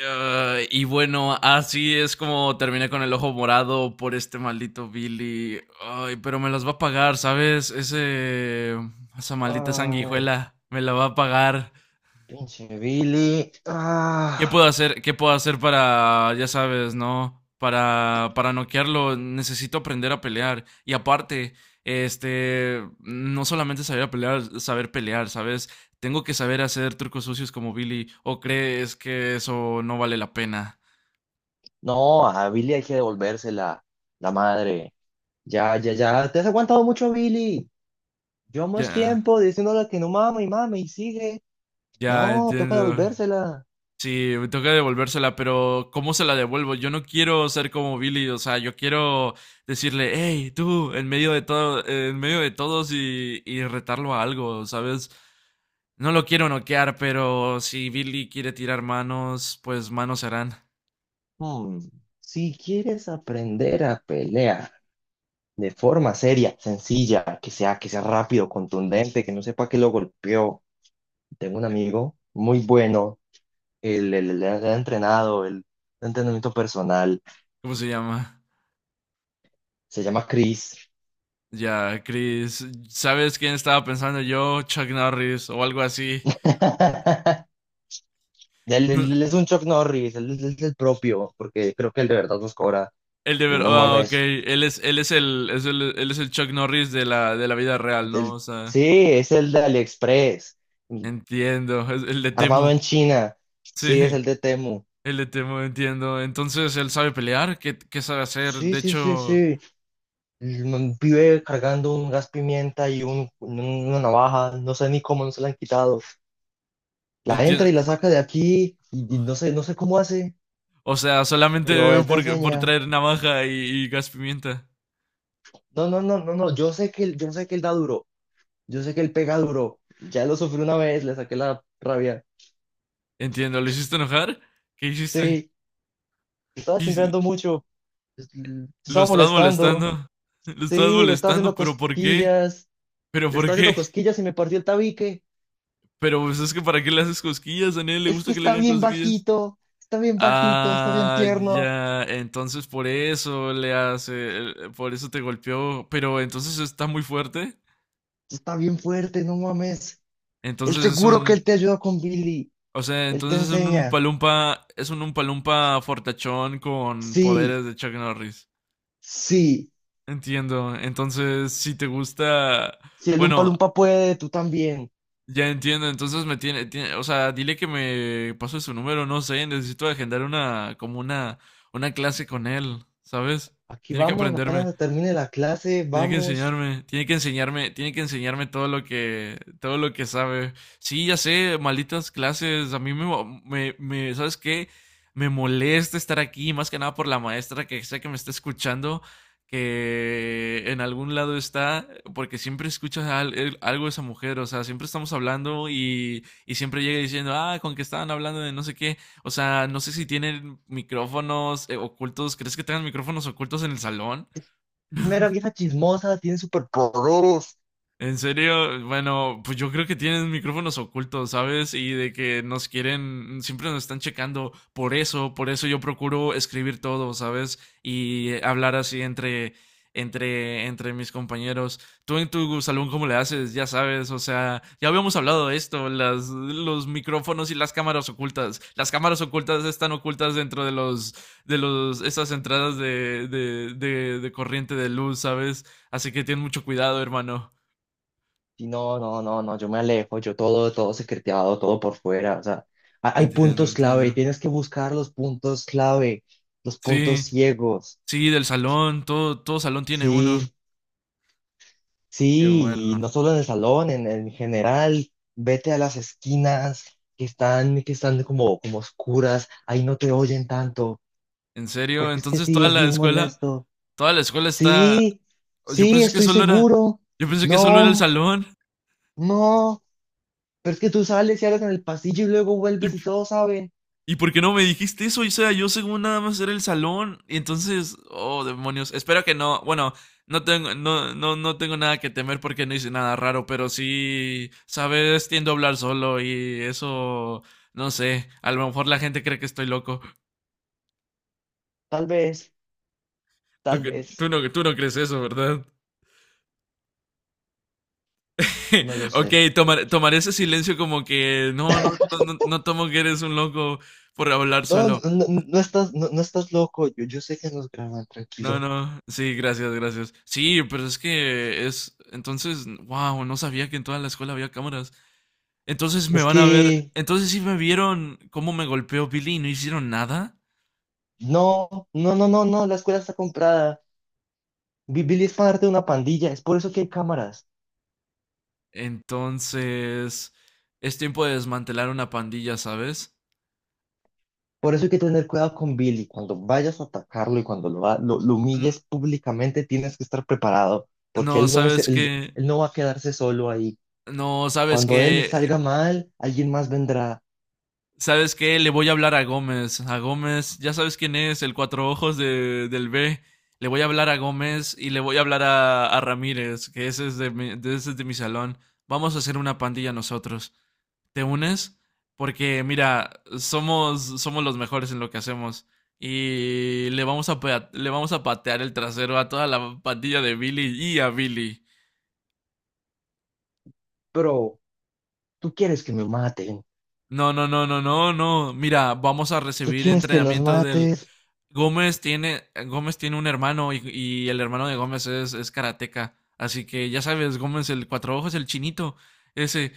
Y bueno, así es como terminé con el ojo morado por este maldito Billy. Ay, pero me las va a pagar, ¿sabes? Esa maldita Ay, sanguijuela me la va a pagar. pinche Billy. ¿Qué puedo Ah, hacer? ¿Qué puedo hacer para, ya sabes, no? Para noquearlo, necesito aprender a pelear. Y aparte, no solamente saber a pelear, saber pelear, ¿sabes? Tengo que saber hacer trucos sucios como Billy. ¿O crees que eso no vale la pena? no, a Billy hay que devolvérsela, la madre. Ya, ya, ya. Te has aguantado mucho, Billy. Ya. Llevamos Yeah. tiempo diciéndole que no mame y mame y sigue. Ya, No, toca entiendo. devolvérsela. Sí, me toca devolvérsela, pero ¿cómo se la devuelvo? Yo no quiero ser como Billy, o sea, yo quiero decirle, hey, tú, en medio de todo, en medio de todos y retarlo a algo, ¿sabes? No lo quiero noquear, pero si Billy quiere tirar manos, pues manos serán. Hmm, si quieres aprender a pelear de forma seria, sencilla, que sea rápido, contundente, que no sepa que lo golpeó. Tengo un amigo muy bueno. Él, él ha entrenado el entrenamiento personal. ¿Cómo se llama? Se llama Chris. Ya, Chris, ¿sabes quién estaba pensando yo? Chuck Norris o algo así. Él, él es un Chuck Norris, él es el propio, porque creo que él de verdad nos cobra. Y no Ah, ok. mames. Él es el Chuck Norris de de la vida real, ¿no? él- O sea, sí, es el de AliExpress, mm, entiendo. Es el de armado Temu. en China. Sí, es Sí, el de Temu. el de Temu, entiendo. Entonces, él sabe pelear, ¿qué sabe hacer? Sí, De sí, sí, hecho, sí. El man vive cargando un gas pimienta y un, una navaja, no sé ni cómo no se la han quitado. La entra y entiendo. la saca de aquí y no sé, no sé cómo hace, O sea, pero solamente él te por enseña. traer navaja y gas pimienta. No, no, no, no, no, yo sé que él, yo sé que él da duro. Yo sé que él pega duro. Ya lo sufrí una vez, le saqué la rabia. Entiendo. ¿Lo hiciste enojar? ¿Qué hiciste? Sí, le estaba ¿Qué hici- chimpeando mucho. Te Lo estaba estabas molestando. molestando. Lo estabas Sí, le estaba molestando, haciendo pero ¿por qué? cosquillas. ¿Pero Le por estaba haciendo qué? cosquillas y me partió el tabique. Pero pues es que ¿para qué le haces cosquillas? A nadie le Es que gusta que le está hagan bien cosquillas. bajito. Está bien bajito, está bien Ah, tierno. ya, entonces por eso le hace, por eso te golpeó, pero entonces está muy fuerte. Está bien fuerte, no mames. El Entonces es seguro que él un, te ayuda con Billy. o sea, Él te entonces enseña. Es un umpalumpa fortachón con Sí, poderes de Chuck Norris. sí. Entiendo. Entonces, si te gusta, Si el Umpa bueno, Lumpa puede, tú también. ya entiendo. O sea, dile que me pase su número, no sé, necesito agendar una clase con él, ¿sabes? Aquí Tiene que vamos, apenas aprenderme. se termine la clase, Tiene que vamos. enseñarme, tiene que enseñarme, tiene que enseñarme todo lo que sabe. Sí, ya sé, malditas clases. A mí me, mo- me- ¿Sabes qué? Me molesta estar aquí, más que nada por la maestra que sé que me está escuchando, que en algún lado está, porque siempre escucha algo de esa mujer. O sea, siempre estamos hablando y siempre llega diciendo, ah, con que estaban hablando de no sé qué. O sea, no sé si tienen micrófonos ocultos. ¿Crees que tengan micrófonos ocultos en el salón? Es mera vieja chismosa, tiene superpoderes. En serio, bueno, pues yo creo que tienen micrófonos ocultos, ¿sabes? Y de que nos quieren, siempre nos están checando. Por eso yo procuro escribir todo, ¿sabes? Y hablar así entre mis compañeros. Tú en tu salón, ¿cómo le haces? Ya sabes, o sea, ya habíamos hablado de esto, los micrófonos y las cámaras ocultas. Las cámaras ocultas están ocultas dentro de esas entradas de corriente de luz, ¿sabes? Así que ten mucho cuidado, hermano. Y no, no, no, no, yo me alejo, yo todo, todo secreteado, todo por fuera. O sea, hay Entiendo, puntos clave, entiendo. tienes que buscar los puntos clave, los puntos Sí, ciegos. sí, del salón, todo, todo salón tiene uno. Sí, Qué sí, y bueno. no solo en el salón, en general, vete a las esquinas que están como, como oscuras, ahí no te oyen tanto, En serio, porque es que entonces sí, toda es la bien escuela, molesto. Toda la escuela está. Sí, Yo sí, pensé que estoy solo era, seguro. yo pensé que solo era el No. salón. No, pero es que tú sales y hablas en el pasillo y luego ¿Y, vuelves y todos saben. y por qué no me dijiste eso? O sea, yo según nada más era el salón. Y entonces, oh, demonios. Espero que no. Bueno, no tengo nada que temer porque no hice nada raro, pero sí, sabes, tiendo a hablar solo y eso, no sé. A lo mejor la gente cree que estoy loco. Tal vez, tal vez, Tú no crees eso, ¿verdad? no lo Ok, sé. Tomaré ese silencio como que no, no tomo que eres un loco por hablar No, no, solo. no, no estás, no, no estás loco. Yo sé que nos graban, No, tranquilo. no, sí, gracias, gracias. Sí, pero es que es, entonces, wow, no sabía que en toda la escuela había cámaras. Entonces me Es van a ver, que entonces sí me vieron cómo me golpeó Billy y no hicieron nada. no, no, no, no, no, la escuela está comprada. Billy es parte de una pandilla, es por eso que hay cámaras. Entonces, es tiempo de desmantelar una pandilla, ¿sabes? Por eso hay que tener cuidado con Billy. Cuando vayas a atacarlo y cuando lo, lo N- humilles públicamente, tienes que estar preparado, porque No, él no es, ¿sabes él, que él no va a quedarse solo ahí. No, ¿sabes Cuando él que salga mal, alguien más vendrá. ¿Sabes qué? Le voy a hablar a Gómez. A Gómez, ya sabes quién es, el cuatro ojos del B. Le voy a hablar a Gómez y le voy a hablar a Ramírez, que ese es, ese es de mi salón. Vamos a hacer una pandilla nosotros. ¿Te unes? Porque, mira, somos, somos los mejores en lo que hacemos. Y le vamos a, le vamos a patear el trasero a toda la pandilla de Billy y a Billy. Pero tú quieres que me maten, No, no, no, no, no, no. Mira, vamos a tú recibir quieres que los entrenamiento del, mates. Gómez tiene un hermano y el hermano de Gómez es karateca. Así que ya sabes, Gómez, el cuatro ojos, el chinito. Ese,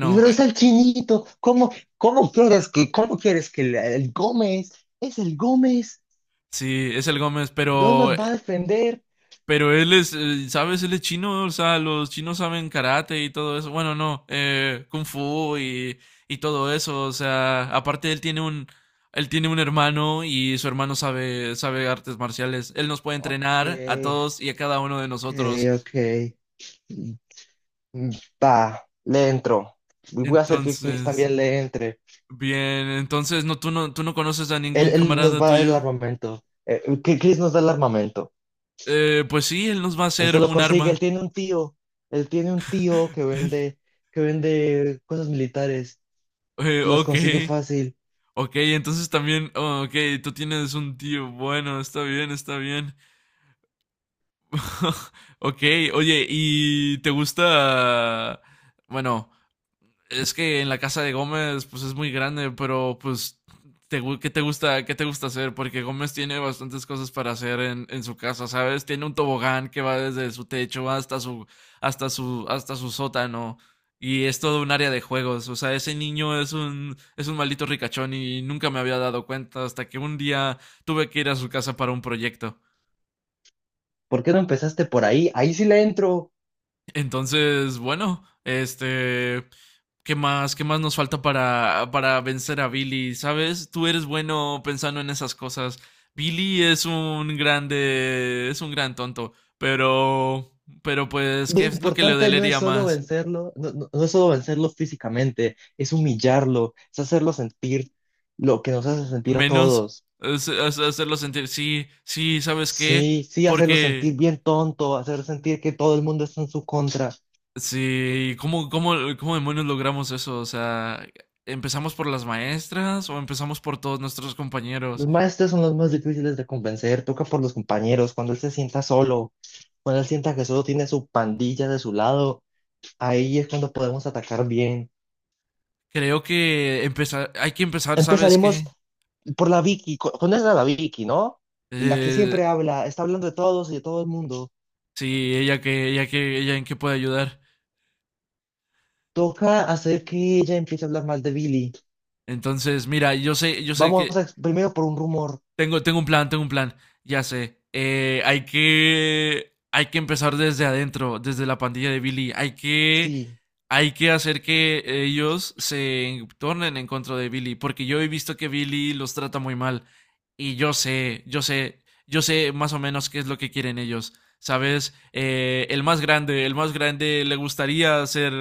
Y pero es el chinito, ¿cómo, cómo quieres que el Gómez, es el Gómez, sí, es el Gómez, no nos va a defender? pero él es, ¿sabes? Él es chino, o sea, los chinos saben karate y todo eso. Bueno, no, kung fu y todo eso. O sea, aparte él tiene un hermano y su hermano sabe, sabe artes marciales. Él nos puede Ok, entrenar a todos y a cada uno de ok, nosotros. ok. Mm, mm, va, le entro. Y voy a hacer que Chris Entonces, también le entre. bien, entonces no, tú no, tú no conoces a Él, ningún él nos camarada va a dar el tuyo. armamento. Que Chris nos da el armamento. Pues sí, él nos va a Él hacer se lo un consigue, arma. él tiene un tío. Él tiene un tío que vende cosas militares. Las ok, consigue fácil. Ok, tú tienes un tío. Bueno, está bien, está bien. Ok, oye, ¿y te gusta? Bueno, es que en la casa de Gómez, pues es muy grande, pero pues, ¿qué te gusta hacer? Porque Gómez tiene bastantes cosas para hacer en su casa, ¿sabes? Tiene un tobogán que va desde su techo hasta hasta su sótano. Y es todo un área de juegos. O sea, ese niño es un maldito ricachón y nunca me había dado cuenta hasta que un día tuve que ir a su casa para un proyecto. ¿Por qué no empezaste por ahí? Ahí sí le entro. Entonces, bueno, este, qué más nos falta para vencer a Billy? ¿Sabes? Tú eres bueno pensando en esas cosas. Billy es un grande, es un gran tonto, pero, pero pues, Lo ¿qué es lo que le importante no es dolería solo más? vencerlo, no, no es solo vencerlo físicamente, es humillarlo, es hacerlo sentir lo que nos hace sentir a Menos todos. Es hacerlo sentir, sí, sí, ¿sabes qué? Sí, sí, hacerlo sentir Porque, bien tonto, hacer sentir que todo el mundo está en su contra. sí, ¿cómo, cómo, cómo demonios logramos eso? O sea, ¿empezamos por las maestras o empezamos por todos nuestros Los compañeros? maestros son los más difíciles de convencer, toca por los compañeros, cuando él se sienta solo, cuando él sienta que solo tiene su pandilla de su lado, ahí es cuando podemos atacar bien. Hay que empezar, ¿sabes Empezaremos qué? por la Vicky, ¿conoces a la Vicky, ¿no? La que Eh, siempre habla, está hablando de todos y de todo el mundo. sí, ella en qué puede ayudar. Toca hacer que ella empiece a hablar mal de Billy. Entonces, mira, yo sé que Vamos a, primero por un rumor. Tengo, tengo un plan, tengo un plan. Ya sé. Hay que. Hay que empezar desde adentro, desde la pandilla de Billy. Hay que. Sí. Hay que hacer que ellos se tornen en contra de Billy. Porque yo he visto que Billy los trata muy mal. Y yo sé, yo sé, yo sé más o menos qué es lo que quieren ellos. ¿Sabes? El más grande,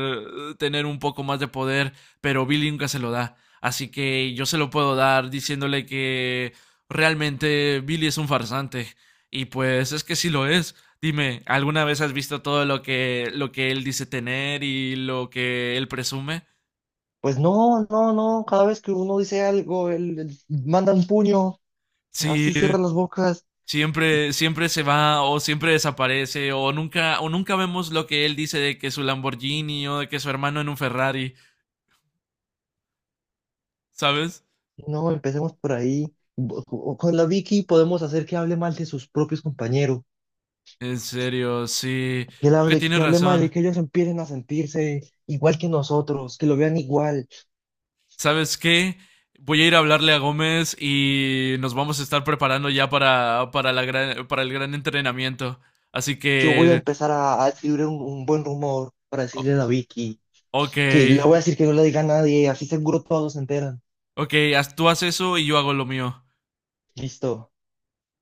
tener un poco más de poder, pero Billy nunca se lo da. Así que yo se lo puedo dar diciéndole que realmente Billy es un farsante. Y pues es que sí lo es. Dime, ¿alguna vez has visto todo lo que él dice tener y lo que él presume? Pues no, no, no. Cada vez que uno dice algo, él manda un puño. Sí, Así cierra las bocas. siempre, siempre se va o siempre desaparece o nunca vemos lo que él dice de que su Lamborghini o de que su hermano en un Ferrari, ¿sabes? No, empecemos por ahí. Con la Vicky podemos hacer que hable mal de sus propios compañeros. En serio, sí, Que él creo que hable, tienes que hable mal y razón. que ellos empiecen a sentirse igual que nosotros, que lo vean igual. ¿Sabes qué? Voy a ir a hablarle a Gómez y nos vamos a estar preparando ya para, la gran, para el gran entrenamiento. Así Yo voy a que, empezar a escribir un buen rumor para o- decirle a la Vicky, ok, que le voy a decir que no le diga a nadie, así seguro todos se enteran. ok, tú haz eso y yo hago lo mío. Listo.